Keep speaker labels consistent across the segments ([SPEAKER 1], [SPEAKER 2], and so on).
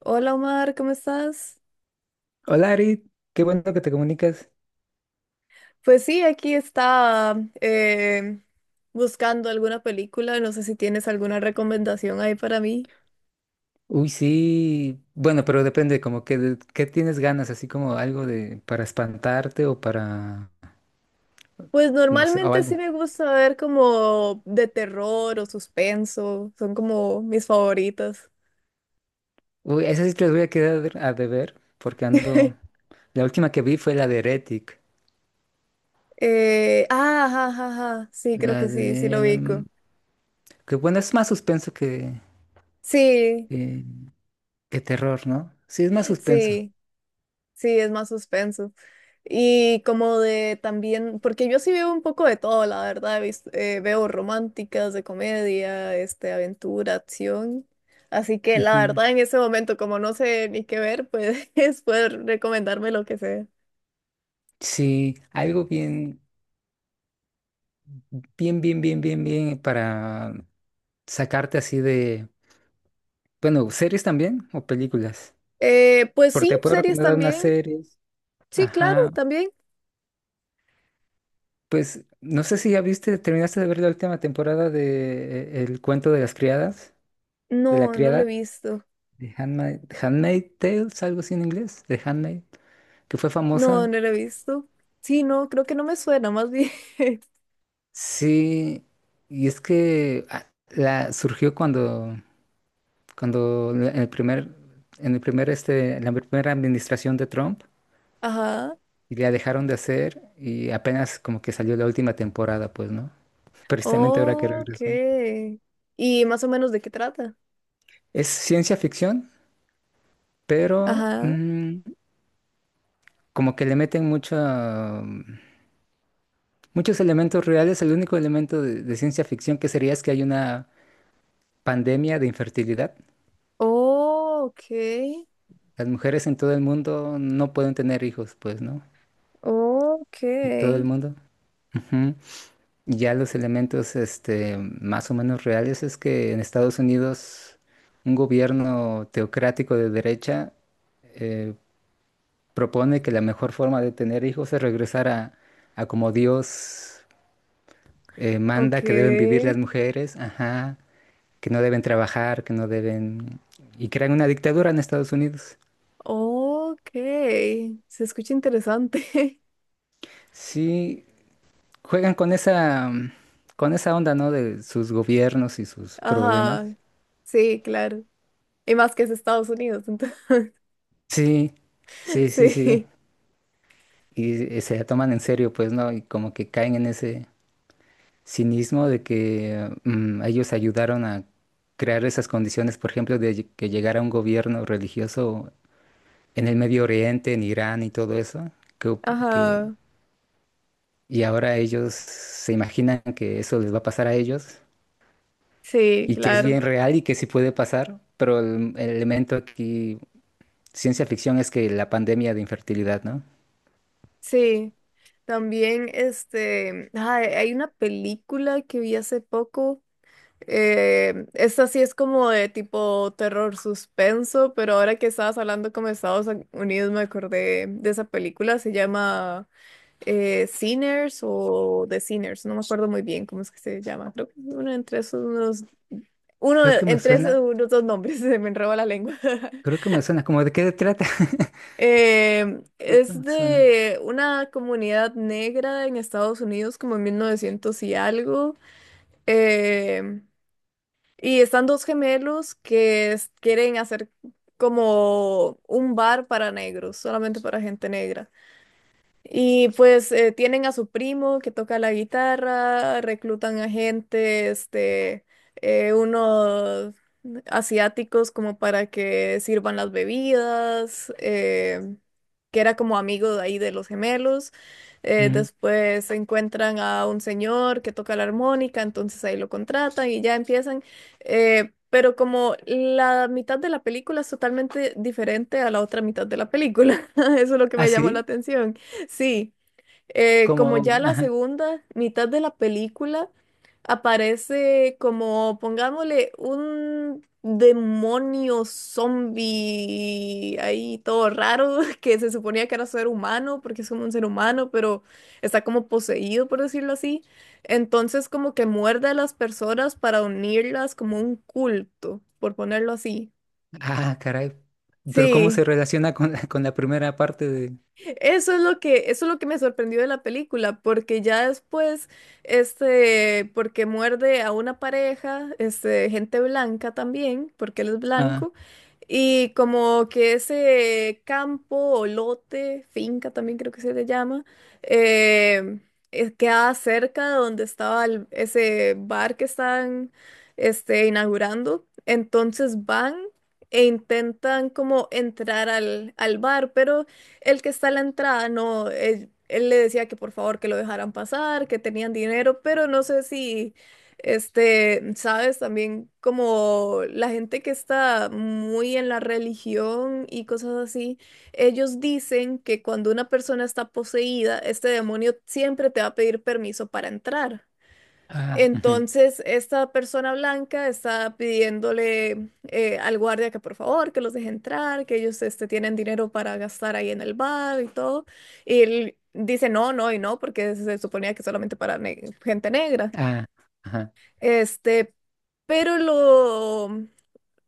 [SPEAKER 1] Hola Omar, ¿cómo estás?
[SPEAKER 2] Hola Ari, qué bueno que te comunicas.
[SPEAKER 1] Pues sí, aquí está buscando alguna película, no sé si tienes alguna recomendación ahí para mí.
[SPEAKER 2] Uy, sí, bueno, pero depende, como que qué tienes ganas, así como algo de para espantarte o para,
[SPEAKER 1] Pues
[SPEAKER 2] no sé, o
[SPEAKER 1] normalmente sí
[SPEAKER 2] algo.
[SPEAKER 1] me gusta ver como de terror o suspenso, son como mis favoritas.
[SPEAKER 2] Uy, esas sí te las voy a quedar a deber, porque ando, la última que vi fue la de Heretic,
[SPEAKER 1] Ajá, ajá, ajá, sí, creo que
[SPEAKER 2] la
[SPEAKER 1] sí, sí
[SPEAKER 2] de,
[SPEAKER 1] lo ubico.
[SPEAKER 2] que bueno, es más suspenso que,
[SPEAKER 1] Sí,
[SPEAKER 2] que, que terror, ¿no? Sí, es más suspenso.
[SPEAKER 1] sí. Sí, es más suspenso. Y como de también, porque yo sí veo un poco de todo, la verdad, veo románticas, de comedia, aventura, acción. Así que la
[SPEAKER 2] Ujú.
[SPEAKER 1] verdad en ese momento, como no sé ni qué ver, pues puedes recomendarme lo que sea.
[SPEAKER 2] Sí, algo bien para sacarte así de, bueno, series también o películas.
[SPEAKER 1] Pues
[SPEAKER 2] Porque
[SPEAKER 1] sí,
[SPEAKER 2] te puedo
[SPEAKER 1] series
[SPEAKER 2] recomendar unas
[SPEAKER 1] también.
[SPEAKER 2] series.
[SPEAKER 1] Sí, claro,
[SPEAKER 2] Ajá.
[SPEAKER 1] también.
[SPEAKER 2] Pues no sé si ya viste, terminaste de ver la última temporada de El cuento de las criadas, de la
[SPEAKER 1] No, no lo he
[SPEAKER 2] criada,
[SPEAKER 1] visto.
[SPEAKER 2] de Handmaid, Handmaid Tales, algo así en inglés, de Handmaid, que fue
[SPEAKER 1] No,
[SPEAKER 2] famosa.
[SPEAKER 1] no lo he visto. Sí, no, creo que no me suena, más bien.
[SPEAKER 2] Sí, y es que ah, la surgió cuando, en el primer, en el primer en la primera administración de Trump,
[SPEAKER 1] Ajá.
[SPEAKER 2] y la dejaron de hacer, y apenas como que salió la última temporada, pues, ¿no? Precisamente ahora que
[SPEAKER 1] Ok.
[SPEAKER 2] regresó.
[SPEAKER 1] ¿Y más o menos de qué trata?
[SPEAKER 2] Es ciencia ficción, pero
[SPEAKER 1] Ajá.
[SPEAKER 2] como que le meten mucha, muchos elementos reales. El único elemento de ciencia ficción que sería es que hay una pandemia de infertilidad.
[SPEAKER 1] Oh, ok.
[SPEAKER 2] Las mujeres en todo el mundo no pueden tener hijos, pues, ¿no?
[SPEAKER 1] Ok.
[SPEAKER 2] En todo el mundo. Ujú. Y ya los elementos, este, más o menos reales es que en Estados Unidos un gobierno teocrático de derecha eh, propone que la mejor forma de tener hijos es regresar a como Dios
[SPEAKER 1] Ok.
[SPEAKER 2] manda que deben vivir las mujeres, ajá, que no deben trabajar, que no deben... Y crean una dictadura en Estados Unidos.
[SPEAKER 1] Ok. Se escucha interesante.
[SPEAKER 2] Sí, juegan con esa, con esa onda, ¿no? De sus gobiernos y sus
[SPEAKER 1] Ajá.
[SPEAKER 2] problemas.
[SPEAKER 1] Sí, claro. Y más que es Estados Unidos, entonces.
[SPEAKER 2] Sí, sí, sí, sí.
[SPEAKER 1] Sí.
[SPEAKER 2] Y se la toman en serio, pues, ¿no? Y como que caen en ese cinismo de que ellos ayudaron a crear esas condiciones, por ejemplo, que llegara un gobierno religioso en el Medio Oriente, en Irán y todo eso, que, que
[SPEAKER 1] Ajá.
[SPEAKER 2] y ahora ellos se imaginan que eso les va a pasar a ellos
[SPEAKER 1] Sí,
[SPEAKER 2] y que es
[SPEAKER 1] claro.
[SPEAKER 2] bien real y que sí puede pasar, pero el elemento aquí, ciencia ficción, es que la pandemia de infertilidad, ¿no?
[SPEAKER 1] Sí. También, ay, hay una película que vi hace poco. Esta sí es como de tipo terror suspenso, pero ahora que estabas hablando como de Estados Unidos me acordé de esa película, se llama Sinners o The Sinners, no me acuerdo muy bien cómo es que se llama, creo que es uno entre esos unos,
[SPEAKER 2] Creo que me
[SPEAKER 1] entre esos
[SPEAKER 2] suena,
[SPEAKER 1] unos dos nombres, se me enreba la lengua.
[SPEAKER 2] creo que me suena, ¿como de qué trata? Creo que
[SPEAKER 1] Es
[SPEAKER 2] me suena.
[SPEAKER 1] de una comunidad negra en Estados Unidos como en 1900 y algo. Em, Y están dos gemelos que es- quieren hacer como un bar para negros, solamente para gente negra. Y pues tienen a su primo que toca la guitarra, reclutan a gente, unos asiáticos como para que sirvan las bebidas, que era como amigo de ahí de los gemelos.
[SPEAKER 2] Ujú.
[SPEAKER 1] Después encuentran a un señor que toca la armónica, entonces ahí lo contratan y ya empiezan. Pero como la mitad de la película es totalmente diferente a la otra mitad de la película, eso es lo que
[SPEAKER 2] ¿Ah,
[SPEAKER 1] me llamó la
[SPEAKER 2] sí?
[SPEAKER 1] atención. Sí, como
[SPEAKER 2] Como,
[SPEAKER 1] ya la
[SPEAKER 2] ajá.
[SPEAKER 1] segunda mitad de la película aparece como, pongámosle, un demonio zombie ahí todo raro que se suponía que era ser humano porque es como un ser humano, pero está como poseído, por decirlo así. Entonces como que muerde a las personas para unirlas como un culto, por ponerlo así.
[SPEAKER 2] Ah, caray. Pero ¿cómo se
[SPEAKER 1] Sí,
[SPEAKER 2] relaciona con la, con la primera parte de...
[SPEAKER 1] Eso es lo que me sorprendió de la película, porque ya después, porque muerde a una pareja, gente blanca también, porque él es
[SPEAKER 2] Ah,
[SPEAKER 1] blanco, y como que ese campo o lote, finca también creo que se le llama, eh, queda cerca de donde estaba ese bar que están, inaugurando, entonces van e intentan como entrar al bar, pero el que está a la entrada, no, él le decía que por favor que lo dejaran pasar, que tenían dinero, pero no sé si, sabes, también como la gente que está muy en la religión y cosas así, ellos dicen que cuando una persona está poseída, este demonio siempre te va a pedir permiso para entrar.
[SPEAKER 2] ah, ujú,
[SPEAKER 1] Entonces, esta persona blanca está pidiéndole al guardia que por favor, que los deje entrar, que ellos este, tienen dinero para gastar ahí en el bar y todo. Y él dice no, no y no, porque se suponía que solamente para gente negra.
[SPEAKER 2] ah, ajá,
[SPEAKER 1] Este, pero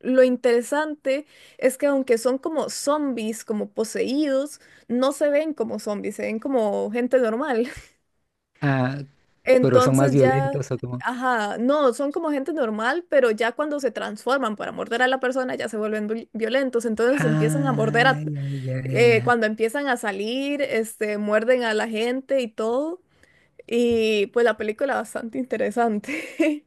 [SPEAKER 1] lo interesante es que aunque son como zombies, como poseídos, no se ven como zombies, se ven como gente normal.
[SPEAKER 2] ah, pero ¿son más
[SPEAKER 1] Entonces ya,
[SPEAKER 2] violentos o como...?
[SPEAKER 1] ajá, no, son como gente normal, pero ya cuando se transforman para morder a la persona ya se vuelven violentos, entonces empiezan a morder
[SPEAKER 2] Ah,
[SPEAKER 1] a,
[SPEAKER 2] ya, ya, ya, ya.
[SPEAKER 1] cuando empiezan a salir, muerden a la gente y todo. Y pues la película bastante interesante.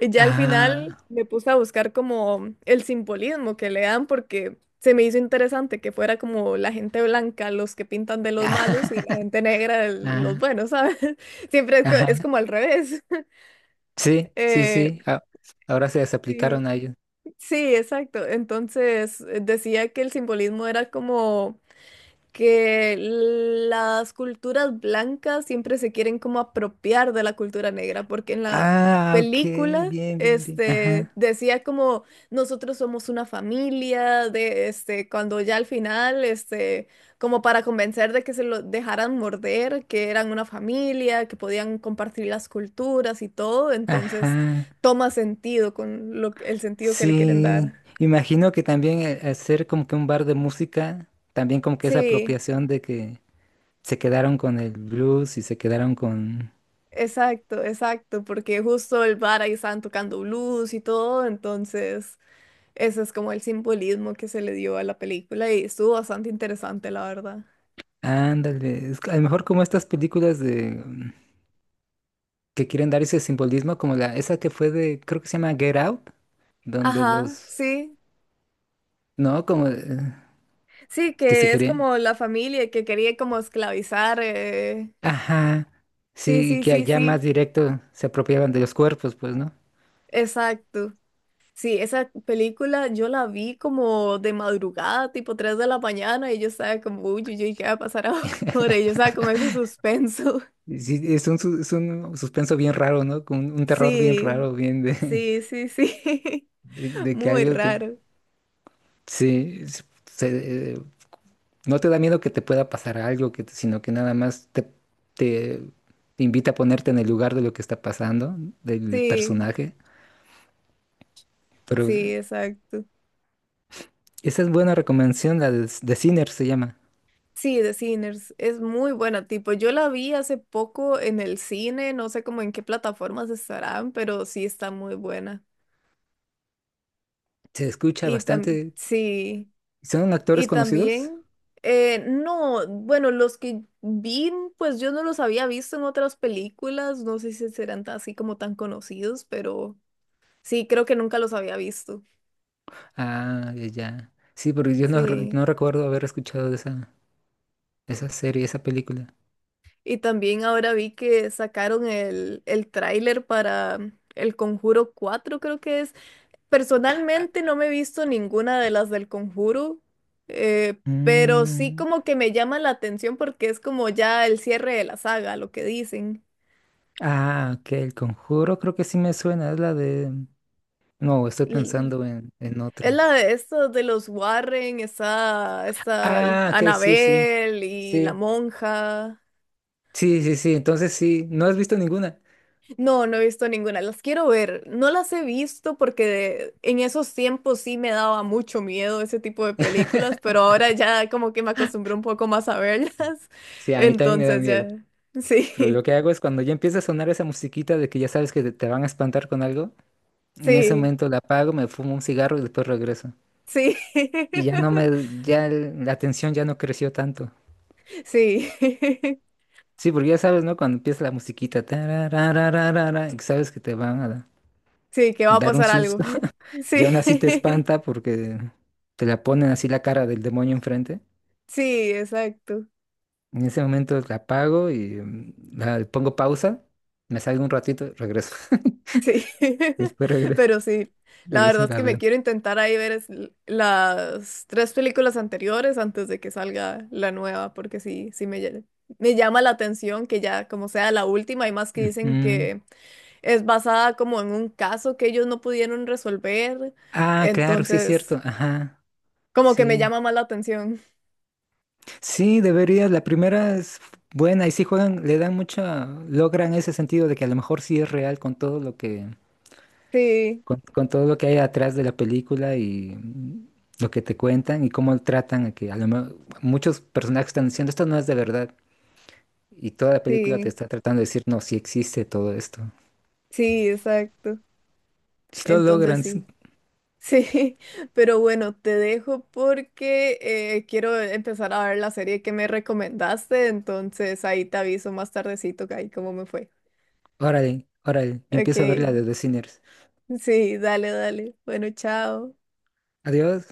[SPEAKER 1] Ya al final
[SPEAKER 2] Ah,
[SPEAKER 1] me puse a buscar como el simbolismo que le dan porque se me hizo interesante que fuera como la gente blanca los que pintan de los
[SPEAKER 2] ah,
[SPEAKER 1] malos y la gente negra de los
[SPEAKER 2] ah,
[SPEAKER 1] buenos, ¿sabes? Siempre es
[SPEAKER 2] ajá.
[SPEAKER 1] como al revés.
[SPEAKER 2] Sí, sí,
[SPEAKER 1] Eh,
[SPEAKER 2] sí. a- Ahora se las
[SPEAKER 1] sí,
[SPEAKER 2] aplicaron a ellos.
[SPEAKER 1] sí, exacto. Entonces decía que el simbolismo era como que las culturas blancas siempre se quieren como apropiar de la cultura negra, porque en la
[SPEAKER 2] Ah, ok,
[SPEAKER 1] película
[SPEAKER 2] bien, bien, bien.
[SPEAKER 1] este
[SPEAKER 2] Ajá,
[SPEAKER 1] decía como nosotros somos una familia de este cuando ya al final este como para convencer de que se lo dejaran morder, que eran una familia, que podían compartir las culturas y todo, entonces
[SPEAKER 2] ajá.
[SPEAKER 1] toma sentido con lo, el sentido que le quieren
[SPEAKER 2] Sí.
[SPEAKER 1] dar.
[SPEAKER 2] Imagino que también hacer como que un bar de música, también como que esa
[SPEAKER 1] Sí.
[SPEAKER 2] apropiación de que se quedaron con el blues y se quedaron con.
[SPEAKER 1] Exacto, exacto, porque justo el bar ahí estaban tocando blues y todo, entonces ese es como el simbolismo que se le dio a la película y estuvo bastante interesante, la verdad.
[SPEAKER 2] Ándale. Es que a lo mejor como estas películas de que quieren dar ese simbolismo, como la, esa que fue de, creo que se llama Get Out, donde
[SPEAKER 1] Ajá,
[SPEAKER 2] los.
[SPEAKER 1] sí,
[SPEAKER 2] No, como
[SPEAKER 1] sí,
[SPEAKER 2] que se
[SPEAKER 1] que es
[SPEAKER 2] querían.
[SPEAKER 1] como la familia que quería como esclavizar.
[SPEAKER 2] Ajá,
[SPEAKER 1] Sí,
[SPEAKER 2] sí, y
[SPEAKER 1] sí,
[SPEAKER 2] que
[SPEAKER 1] sí,
[SPEAKER 2] allá más
[SPEAKER 1] sí,
[SPEAKER 2] directo se apropiaban de los cuerpos, pues, ¿no?
[SPEAKER 1] exacto. Sí, esa película yo la vi como de madrugada, tipo 3 de la mañana, y yo estaba como, uy, uy, uy, ¿qué va a pasar ahora? Y yo estaba con ese suspenso.
[SPEAKER 2] Y sí, es un, su- es un suspenso bien raro, ¿no? Con un terror bien
[SPEAKER 1] Sí.
[SPEAKER 2] raro, bien de,
[SPEAKER 1] Sí, sí, sí.
[SPEAKER 2] de que
[SPEAKER 1] Muy
[SPEAKER 2] algo te...
[SPEAKER 1] raro.
[SPEAKER 2] Sí, no te da miedo que te pueda pasar algo, que, te- sino que nada más te, te invita a ponerte en el lugar de lo que está pasando, del
[SPEAKER 1] Sí,
[SPEAKER 2] personaje. Pero
[SPEAKER 1] sí, exacto.
[SPEAKER 2] esa es buena recomendación, la de Sinner se llama.
[SPEAKER 1] Sí, The Sinners es muy buena, tipo, yo la vi hace poco en el cine, no sé cómo en qué plataformas estarán, pero sí está muy buena.
[SPEAKER 2] Se escucha
[SPEAKER 1] Y tam
[SPEAKER 2] bastante.
[SPEAKER 1] sí,
[SPEAKER 2] ¿Son actores
[SPEAKER 1] y
[SPEAKER 2] conocidos?
[SPEAKER 1] también, no, bueno, los que vi, pues yo no los había visto en otras películas, no sé si serán así como tan conocidos, pero sí, creo que nunca los había visto.
[SPEAKER 2] Ah, ya. Ya. Sí, porque yo no, re-
[SPEAKER 1] Sí.
[SPEAKER 2] no recuerdo haber escuchado de esa, esa serie, esa película.
[SPEAKER 1] Y también ahora vi que sacaron el tráiler para El Conjuro 4 creo que es. Personalmente no me he visto ninguna de las del Conjuro, pero sí
[SPEAKER 2] Mm,
[SPEAKER 1] como que me llama la atención porque es como ya el cierre de la saga, lo que dicen.
[SPEAKER 2] Ah, ok, El Conjuro creo que sí me suena, es la de... No, estoy
[SPEAKER 1] L-
[SPEAKER 2] pensando en
[SPEAKER 1] Es
[SPEAKER 2] otra.
[SPEAKER 1] la de estos de los Warren, está, está
[SPEAKER 2] Ah, ok, sí, sí.
[SPEAKER 1] Annabelle y la
[SPEAKER 2] Sí,
[SPEAKER 1] monja.
[SPEAKER 2] sí, sí, sí, entonces sí, no has visto ninguna.
[SPEAKER 1] No, no he visto ninguna. Las quiero ver. No las he visto porque en esos tiempos sí me daba mucho miedo ese tipo de películas, pero ahora ya como que me acostumbré un poco más a verlas.
[SPEAKER 2] Sí, a mí también me da
[SPEAKER 1] Entonces
[SPEAKER 2] miedo.
[SPEAKER 1] ya.
[SPEAKER 2] Pero lo
[SPEAKER 1] Sí,
[SPEAKER 2] que hago es cuando ya empieza a sonar esa musiquita de que ya sabes que te van a espantar con algo, en ese
[SPEAKER 1] sí,
[SPEAKER 2] momento la apago, me fumo un cigarro y después regreso.
[SPEAKER 1] sí.
[SPEAKER 2] Y ya no me, ya la atención ya no creció tanto.
[SPEAKER 1] Sí.
[SPEAKER 2] Sí, porque ya sabes, ¿no? Cuando empieza la musiquita, tararararara, y sabes que te van a
[SPEAKER 1] Sí, que va a
[SPEAKER 2] dar un
[SPEAKER 1] pasar algo.
[SPEAKER 2] susto. Y
[SPEAKER 1] Sí.
[SPEAKER 2] aún así te espanta porque te la ponen así la cara del demonio enfrente.
[SPEAKER 1] Sí, exacto.
[SPEAKER 2] En ese momento la apago y la, le pongo pausa, me salgo un ratito, regreso.
[SPEAKER 1] Sí,
[SPEAKER 2] Después
[SPEAKER 1] pero sí, la
[SPEAKER 2] regreso
[SPEAKER 1] verdad
[SPEAKER 2] y
[SPEAKER 1] es
[SPEAKER 2] la
[SPEAKER 1] que me
[SPEAKER 2] veo.
[SPEAKER 1] quiero intentar ahí ver las tres películas anteriores antes de que salga la nueva, porque sí, me llama la atención que ya como sea la última, hay más que dicen
[SPEAKER 2] Ujú.
[SPEAKER 1] que es basada como en un caso que ellos no pudieron resolver,
[SPEAKER 2] Ah, claro, sí es cierto.
[SPEAKER 1] entonces
[SPEAKER 2] Ajá,
[SPEAKER 1] como que me
[SPEAKER 2] sí.
[SPEAKER 1] llama más la atención.
[SPEAKER 2] Sí, deberías. La primera es buena y sí juegan, le dan mucha, logran ese sentido de que a lo mejor sí es real con todo lo que,
[SPEAKER 1] Sí,
[SPEAKER 2] con todo lo que hay atrás de la película y lo que te cuentan y cómo tratan a que a lo mejor muchos personajes están diciendo esto no es de verdad y toda la película te
[SPEAKER 1] sí,
[SPEAKER 2] está tratando de decir no, sí existe todo esto.
[SPEAKER 1] sí, exacto.
[SPEAKER 2] Si lo
[SPEAKER 1] Entonces
[SPEAKER 2] logran, sí,
[SPEAKER 1] sí. Sí, pero bueno, te dejo porque quiero empezar a ver la serie que me recomendaste, entonces ahí te aviso más tardecito que ahí cómo me fue.
[SPEAKER 2] órale, órale. Yo
[SPEAKER 1] Ok,
[SPEAKER 2] empiezo a ver la de The Sinners.
[SPEAKER 1] sí, dale, dale. Bueno, chao.
[SPEAKER 2] Adiós.